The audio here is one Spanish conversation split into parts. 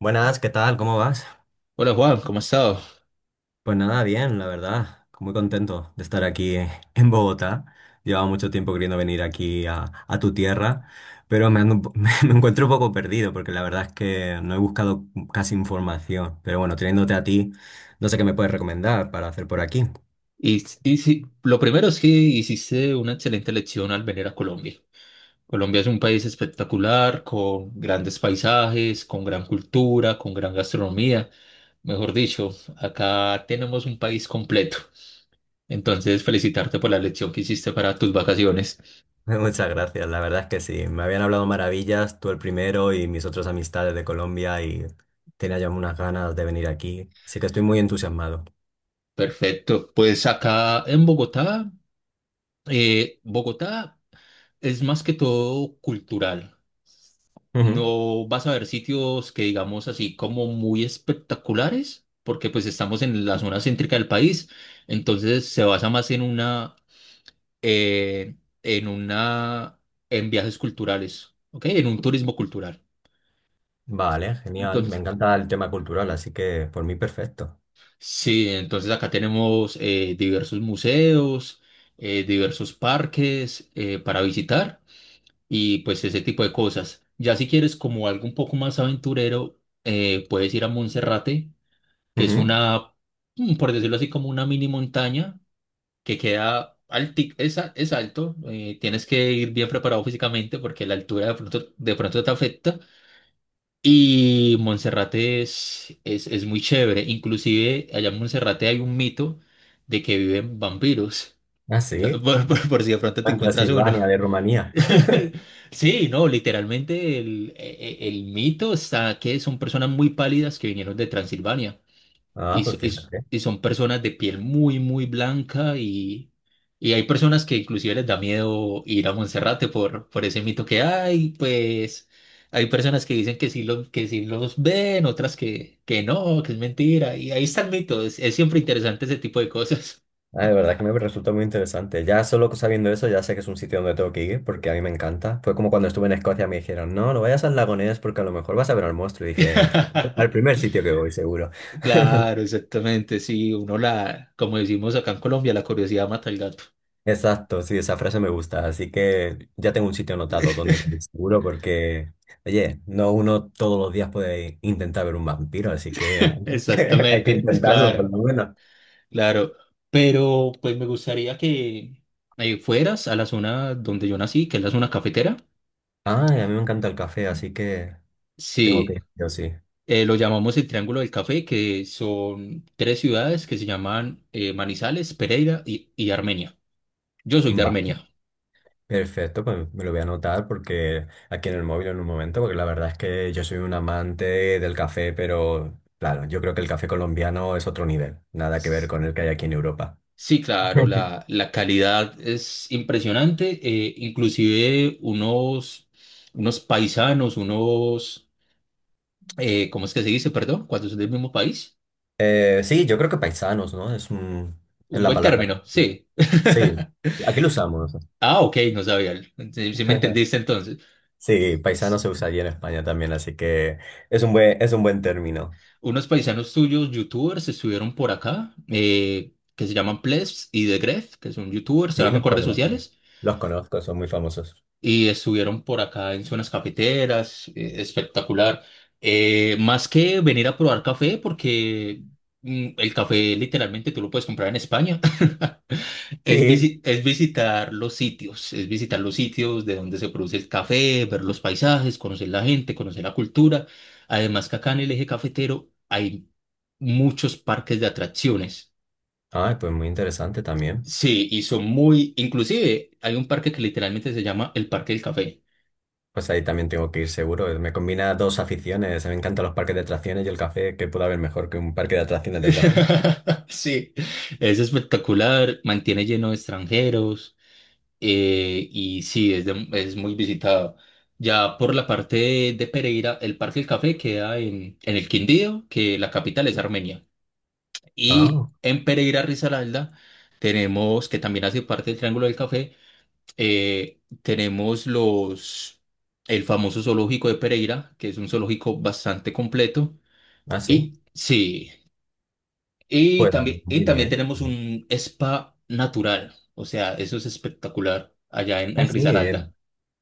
Buenas, ¿qué tal? ¿Cómo vas? Hola Juan, ¿cómo has estado? Pues nada, bien, la verdad. Muy contento de estar aquí en Bogotá. Llevaba mucho tiempo queriendo venir aquí a tu tierra, pero me, me encuentro un poco perdido porque la verdad es que no he buscado casi información. Pero bueno, teniéndote a ti, no sé qué me puedes recomendar para hacer por aquí. Y sí, lo primero es que hiciste una excelente elección al venir a Colombia. Colombia es un país espectacular, con grandes paisajes, con gran cultura, con gran gastronomía. Mejor dicho, acá tenemos un país completo. Entonces, felicitarte por la elección que hiciste para tus vacaciones. Muchas gracias, la verdad es que sí. Me habían hablado maravillas, tú el primero y mis otras amistades de Colombia y tenía ya unas ganas de venir aquí. Sí que estoy muy entusiasmado. Perfecto. Pues acá en Bogotá, Bogotá es más que todo cultural. No vas a ver sitios que digamos así como muy espectaculares, porque pues estamos en la zona céntrica del país, entonces se basa más eh, en una, en viajes culturales, ¿ok? En un turismo cultural. Vale, genial. Me Entonces, encanta el tema cultural, así que por mí perfecto. sí, entonces acá tenemos diversos museos, diversos parques para visitar, y pues ese tipo de cosas. Ya si quieres como algo un poco más aventurero, puedes ir a Monserrate, que es Ujú. Por decirlo así, como una mini montaña que queda es alto. Tienes que ir bien preparado físicamente porque la altura de pronto te afecta. Y Monserrate es muy chévere. Inclusive allá en Monserrate hay un mito de que viven vampiros. Ah, sí. Por si de pronto te En encuentras uno. Transilvania, de Rumanía. Sí, no, literalmente el mito está que son personas muy pálidas que vinieron de Transilvania. Ah, Y, so- pues y s- fíjate. y son personas de piel muy, muy blanca, y hay personas que inclusive les da miedo ir a Monserrate por ese mito que hay. Pues hay personas que dicen que sí los ven, otras que no, que es mentira, y ahí está el mito. Es siempre interesante ese tipo de cosas. Ah, de verdad que me resulta muy interesante. Ya solo sabiendo eso, ya sé que es un sitio donde tengo que ir, porque a mí me encanta. Fue como cuando estuve en Escocia, me dijeron, no, no vayas al lago Ness porque a lo mejor vas a ver al monstruo. Y dije, al primer sitio que voy, seguro. Claro, exactamente, sí, uno como decimos acá en Colombia, la curiosidad mata al gato. Exacto, sí, esa frase me gusta. Así que ya tengo un sitio anotado donde comer seguro porque, oye, no uno todos los días puede intentar ver un vampiro, así que hay que Exactamente, es intentarlo claro. por lo menos. Claro, pero pues me gustaría que fueras a la zona donde yo nací, que es la zona cafetera. Ah, y a mí me encanta el café, así que tengo que Sí, ir, yo sí. Lo llamamos el Triángulo del Café, que son tres ciudades que se llaman Manizales, Pereira y Armenia. Yo soy de Va, Armenia. perfecto, pues me lo voy a anotar porque aquí en el móvil en un momento, porque la verdad es que yo soy un amante del café, pero claro, yo creo que el café colombiano es otro nivel, nada que ver con el que hay aquí en Europa. Sí, claro, la, la calidad es impresionante. Inclusive unos paisanos, ¿cómo es que se dice? Perdón, cuando son del mismo país. Sí, yo creo que paisanos, ¿no? Es, es Un la buen palabra. término, sí. Sí, aquí lo usamos. Ah, ok, no sabía. Sí, sí me entendiste entonces. Sí, paisano S- se usa allí en España también, así que es un buen término. Unos paisanos tuyos, youtubers, estuvieron por acá, que se llaman Plebs y The Gref, que son youtubers, Sí, trabajan los en redes conozco. sociales. Los conozco, son muy famosos. Y estuvieron por acá en zonas cafeteras, espectacular. Más que venir a probar café, porque el café literalmente tú lo puedes comprar en España, es, Sí. visi- es visitar los sitios, es visitar los sitios de donde se produce el café, ver los paisajes, conocer la gente, conocer la cultura. Además, que acá en el eje cafetero hay muchos parques de atracciones. Ay, pues muy interesante también. Sí, y son muy, inclusive hay un parque que literalmente se llama el Parque del Café. Pues ahí también tengo que ir seguro. Me combina dos aficiones. Me encantan los parques de atracciones y el café. ¿Qué puede haber mejor que un parque de atracciones del café? Sí, es espectacular, mantiene lleno de extranjeros y sí, es muy visitado. Ya por la parte de Pereira, el Parque del Café queda en el Quindío, que la capital es Armenia. Y Ah, en Pereira, Risaralda, tenemos, que también hace parte del Triángulo del Café, tenemos el famoso zoológico de Pereira, que es un zoológico bastante completo. ah, sí. Y sí. Y Pues también, y muy también bien. tenemos un spa natural, o sea, eso es espectacular allá en Ah, sí, Risaralda. bien.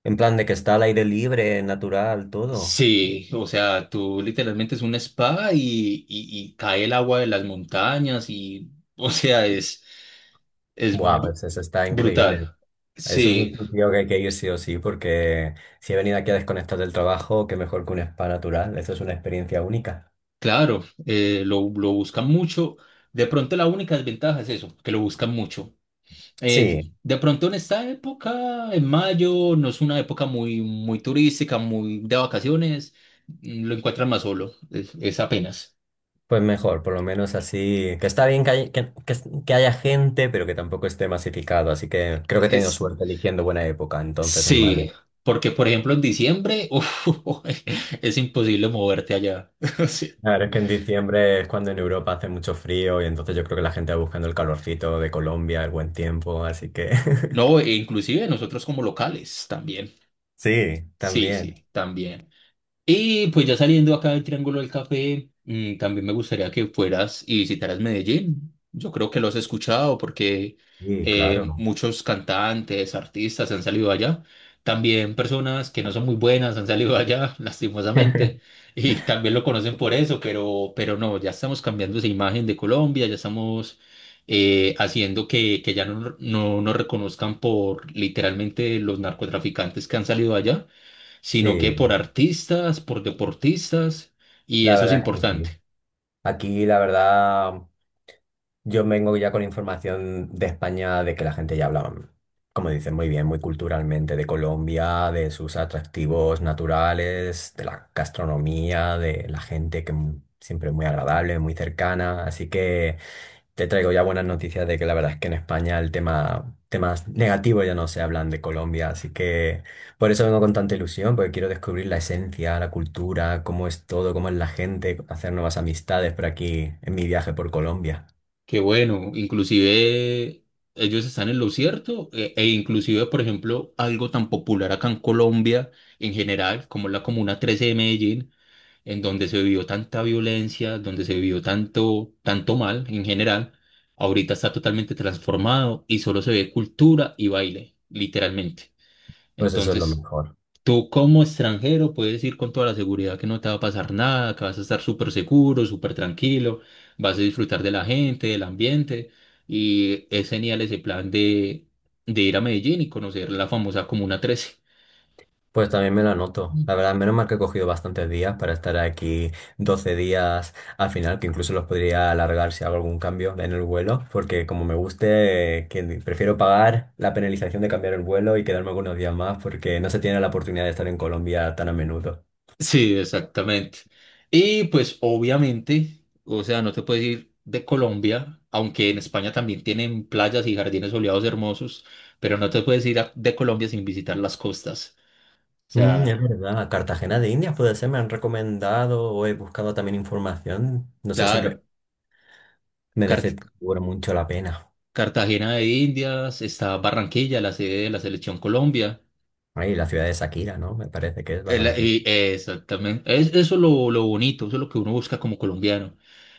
En plan de que está al aire libre, natural, todo. Sí, o sea, tú literalmente es un spa y, y cae el agua de las montañas y, o sea, es, es Buah, bu- pues eso está brutal. increíble. Eso es Sí, un sitio que hay que ir sí o sí, porque si he venido aquí a desconectar del trabajo, qué mejor que un spa natural. Eso es una experiencia única. claro, lo buscan mucho. De pronto la única desventaja es eso, que lo buscan mucho. Eh, Sí, de pronto en esta época, en mayo, no es una época muy, muy turística, muy de vacaciones, lo encuentran más solo, es apenas. pues mejor, por lo menos así. Que está bien que haya gente, pero que tampoco esté masificado. Así que creo que he tenido Es, suerte eligiendo buena época, entonces en Sí, mayo. porque por ejemplo en diciembre, uf, es imposible moverte allá. Sí. Claro, es que en diciembre es cuando en Europa hace mucho frío y entonces yo creo que la gente va buscando el calorcito de Colombia, el buen tiempo, así que... No, e inclusive nosotros como locales también. Sí, Sí, también. sí, también. Y pues ya saliendo acá del Triángulo del Café, también me gustaría que fueras y visitaras Medellín. Yo creo que lo has escuchado porque Sí, claro. muchos cantantes, artistas han salido allá. También personas que no son muy buenas han salido allá, lastimosamente. Y también lo conocen por eso, pero no, ya estamos cambiando esa imagen de Colombia, ya estamos haciendo que ya no nos reconozcan por literalmente los narcotraficantes que han salido allá, sino que Sí, por artistas, por deportistas, y la eso es verdad es que importante. sí. Aquí, la verdad, yo vengo ya con información de España de que la gente ya habla, como dicen, muy bien, muy culturalmente, de Colombia, de sus atractivos naturales, de la gastronomía, de la gente que siempre es muy agradable, muy cercana. Así que te traigo ya buenas noticias de que la verdad es que en España el tema, temas negativos ya no se hablan de Colombia, así que por eso vengo con tanta ilusión, porque quiero descubrir la esencia, la cultura, cómo es todo, cómo es la gente, hacer nuevas amistades por aquí en mi viaje por Colombia. Que bueno. Inclusive ellos están en lo cierto, e inclusive, por ejemplo, algo tan popular acá en Colombia en general, como la Comuna 13 de Medellín, en donde se vivió tanta violencia, donde se vivió tanto, tanto mal en general, ahorita está totalmente transformado y solo se ve cultura y baile, literalmente. Pues eso es lo Entonces, mejor. tú como extranjero puedes ir con toda la seguridad que no te va a pasar nada, que vas a estar súper seguro, súper tranquilo, vas a disfrutar de la gente, del ambiente, y es genial ese plan de ir a Medellín y conocer la famosa Comuna 13. Pues también me lo anoto. Mm. La verdad, menos mal que he cogido bastantes días para estar aquí 12 días al final, que incluso los podría alargar si hago algún cambio en el vuelo, porque como me guste, que prefiero pagar la penalización de cambiar el vuelo y quedarme algunos días más, porque no se tiene la oportunidad de estar en Colombia tan a menudo. Sí, exactamente. Y pues obviamente, o sea, no te puedes ir de Colombia, aunque en España también tienen playas y jardines soleados hermosos, pero no te puedes ir de Colombia sin visitar las costas. O Mm, es sea, verdad, a Cartagena de Indias puede ser, me han recomendado o he buscado también información. No sé si me claro. merece seguro mucho la pena. Cartagena de Indias, está Barranquilla, la sede de la Selección Colombia. Ahí, la ciudad de Shakira, ¿no? Me parece que es El- Barranquilla. y- eh, exactamente. Eso es lo bonito, eso es lo que uno busca como colombiano.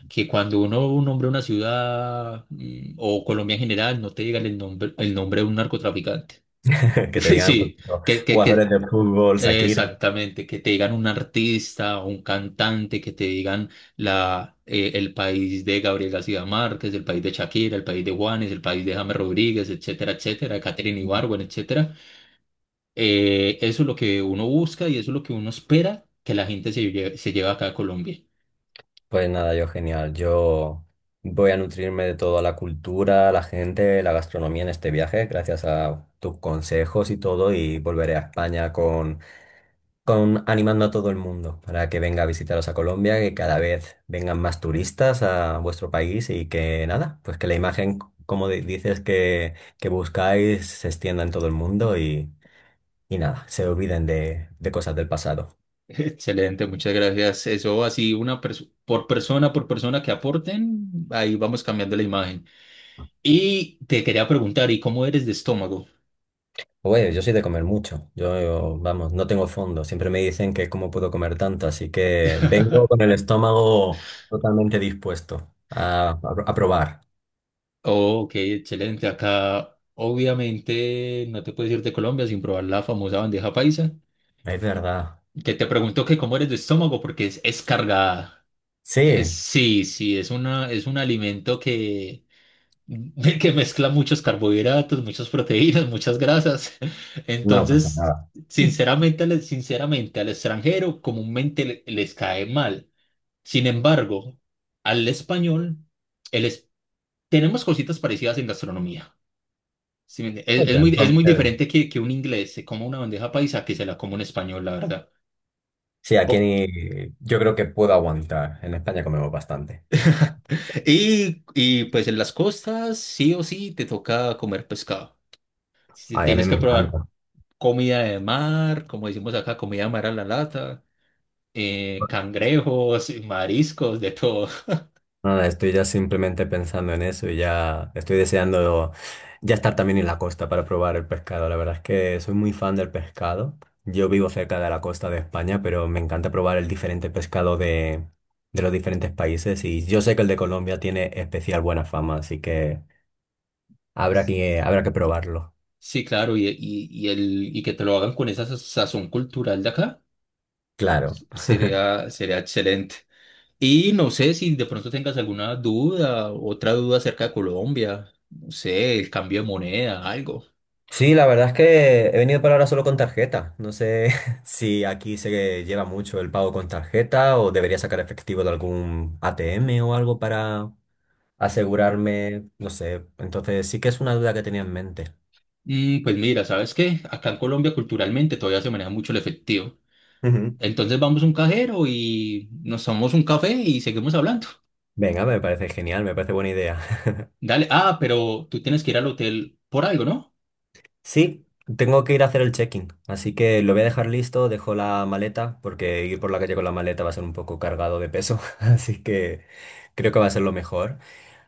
Que cuando uno nombra una ciudad o Colombia en general, no te digan el nombre de un narcotraficante. Que te digan por Sí, ejemplo, jugadores que de fútbol, Shakira. exactamente, que te digan un artista o un cantante, que te digan el país de Gabriel García Márquez, el país de Shakira, el país de Juanes, el país de James Rodríguez, etcétera, etcétera, Katherine Ibargüen, etcétera. Eso es lo que uno busca y eso es lo que uno espera que la gente se lleve acá a Colombia. Pues nada, yo genial. Yo voy a nutrirme de toda la cultura, la gente, la gastronomía en este viaje, gracias a tus consejos y todo, y volveré a España con animando a todo el mundo para que venga a visitaros a Colombia, que cada vez vengan más turistas a vuestro país y que nada, pues que la imagen, como dices, que buscáis se extienda en todo el mundo y nada, se olviden de cosas del pasado. Excelente, muchas gracias. Eso así, por persona que aporten, ahí vamos cambiando la imagen. Y te quería preguntar, ¿y cómo eres de estómago? Oye, yo soy de comer mucho. Yo, vamos, no tengo fondo. Siempre me dicen que cómo puedo comer tanto, así que vengo con el estómago totalmente dispuesto a probar. Ok, excelente. Acá, obviamente, no te puedes ir de Colombia sin probar la famosa bandeja paisa. Es verdad. Que te pregunto que cómo eres de estómago, porque es cargada. Es- Sí, sí, sí, es una, es un alimento que, que mezcla muchos carbohidratos, muchas proteínas, muchas grasas. no pasa Entonces, nada. sinceramente, al extranjero comúnmente les cae mal. Sin embargo, al español, el es- tenemos cositas parecidas en gastronomía. Sí, ¿me entiende? es, Ok, es muy, es muy entonces, diferente que un inglés se coma una bandeja paisa que se la coma un español, la verdad. sí, O- aquí yo creo que puedo aguantar. En España comemos bastante. Y, y pues en las costas, sí o sí, te toca comer pescado. Si Ay, a mí tienes me que probar encanta. comida de mar, como decimos acá, comida de mar a la lata, cangrejos, mariscos, de todo. Nada, estoy ya simplemente pensando en eso y ya estoy deseando ya estar también en la costa para probar el pescado. La verdad es que soy muy fan del pescado. Yo vivo cerca de la costa de España, pero me encanta probar el diferente pescado de los diferentes países y yo sé que el de Colombia tiene especial buena fama, así que habrá que probarlo. Sí, claro, y que te lo hagan con esa sazón cultural de acá, Claro. sería excelente. Y no sé si de pronto tengas alguna duda, otra duda acerca de Colombia, no sé, el cambio de moneda, algo. Sí, la verdad es que he venido para ahora solo con tarjeta. No sé si aquí se lleva mucho el pago con tarjeta o debería sacar efectivo de algún ATM o algo para asegurarme, no sé. Entonces sí que es una duda que tenía en mente. Pues mira, ¿sabes qué? Acá en Colombia culturalmente todavía se maneja mucho el efectivo. Ujú. Entonces vamos a un cajero y nos tomamos un café y seguimos hablando. Venga, me parece genial, me parece buena idea. Dale, ah, pero tú tienes que ir al hotel por algo, ¿no? Sí, tengo que ir a hacer el check-in, así que lo voy a dejar listo, dejo la maleta, porque ir por la calle con la maleta va a ser un poco cargado de peso, así que creo que va a ser lo mejor.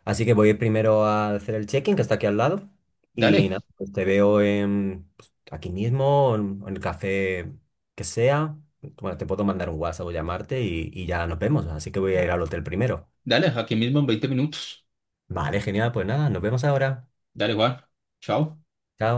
Así que voy a ir primero a hacer el check-in, que está aquí al lado. Y Dale, nada, pues te veo aquí mismo, en el café que sea. Bueno, te puedo mandar un WhatsApp o llamarte y ya nos vemos. Así que voy a ir al hotel primero. dale, aquí mismo en 20 minutos. Vale, genial. Pues nada, nos vemos ahora. Dale, Juan, chao. Chao.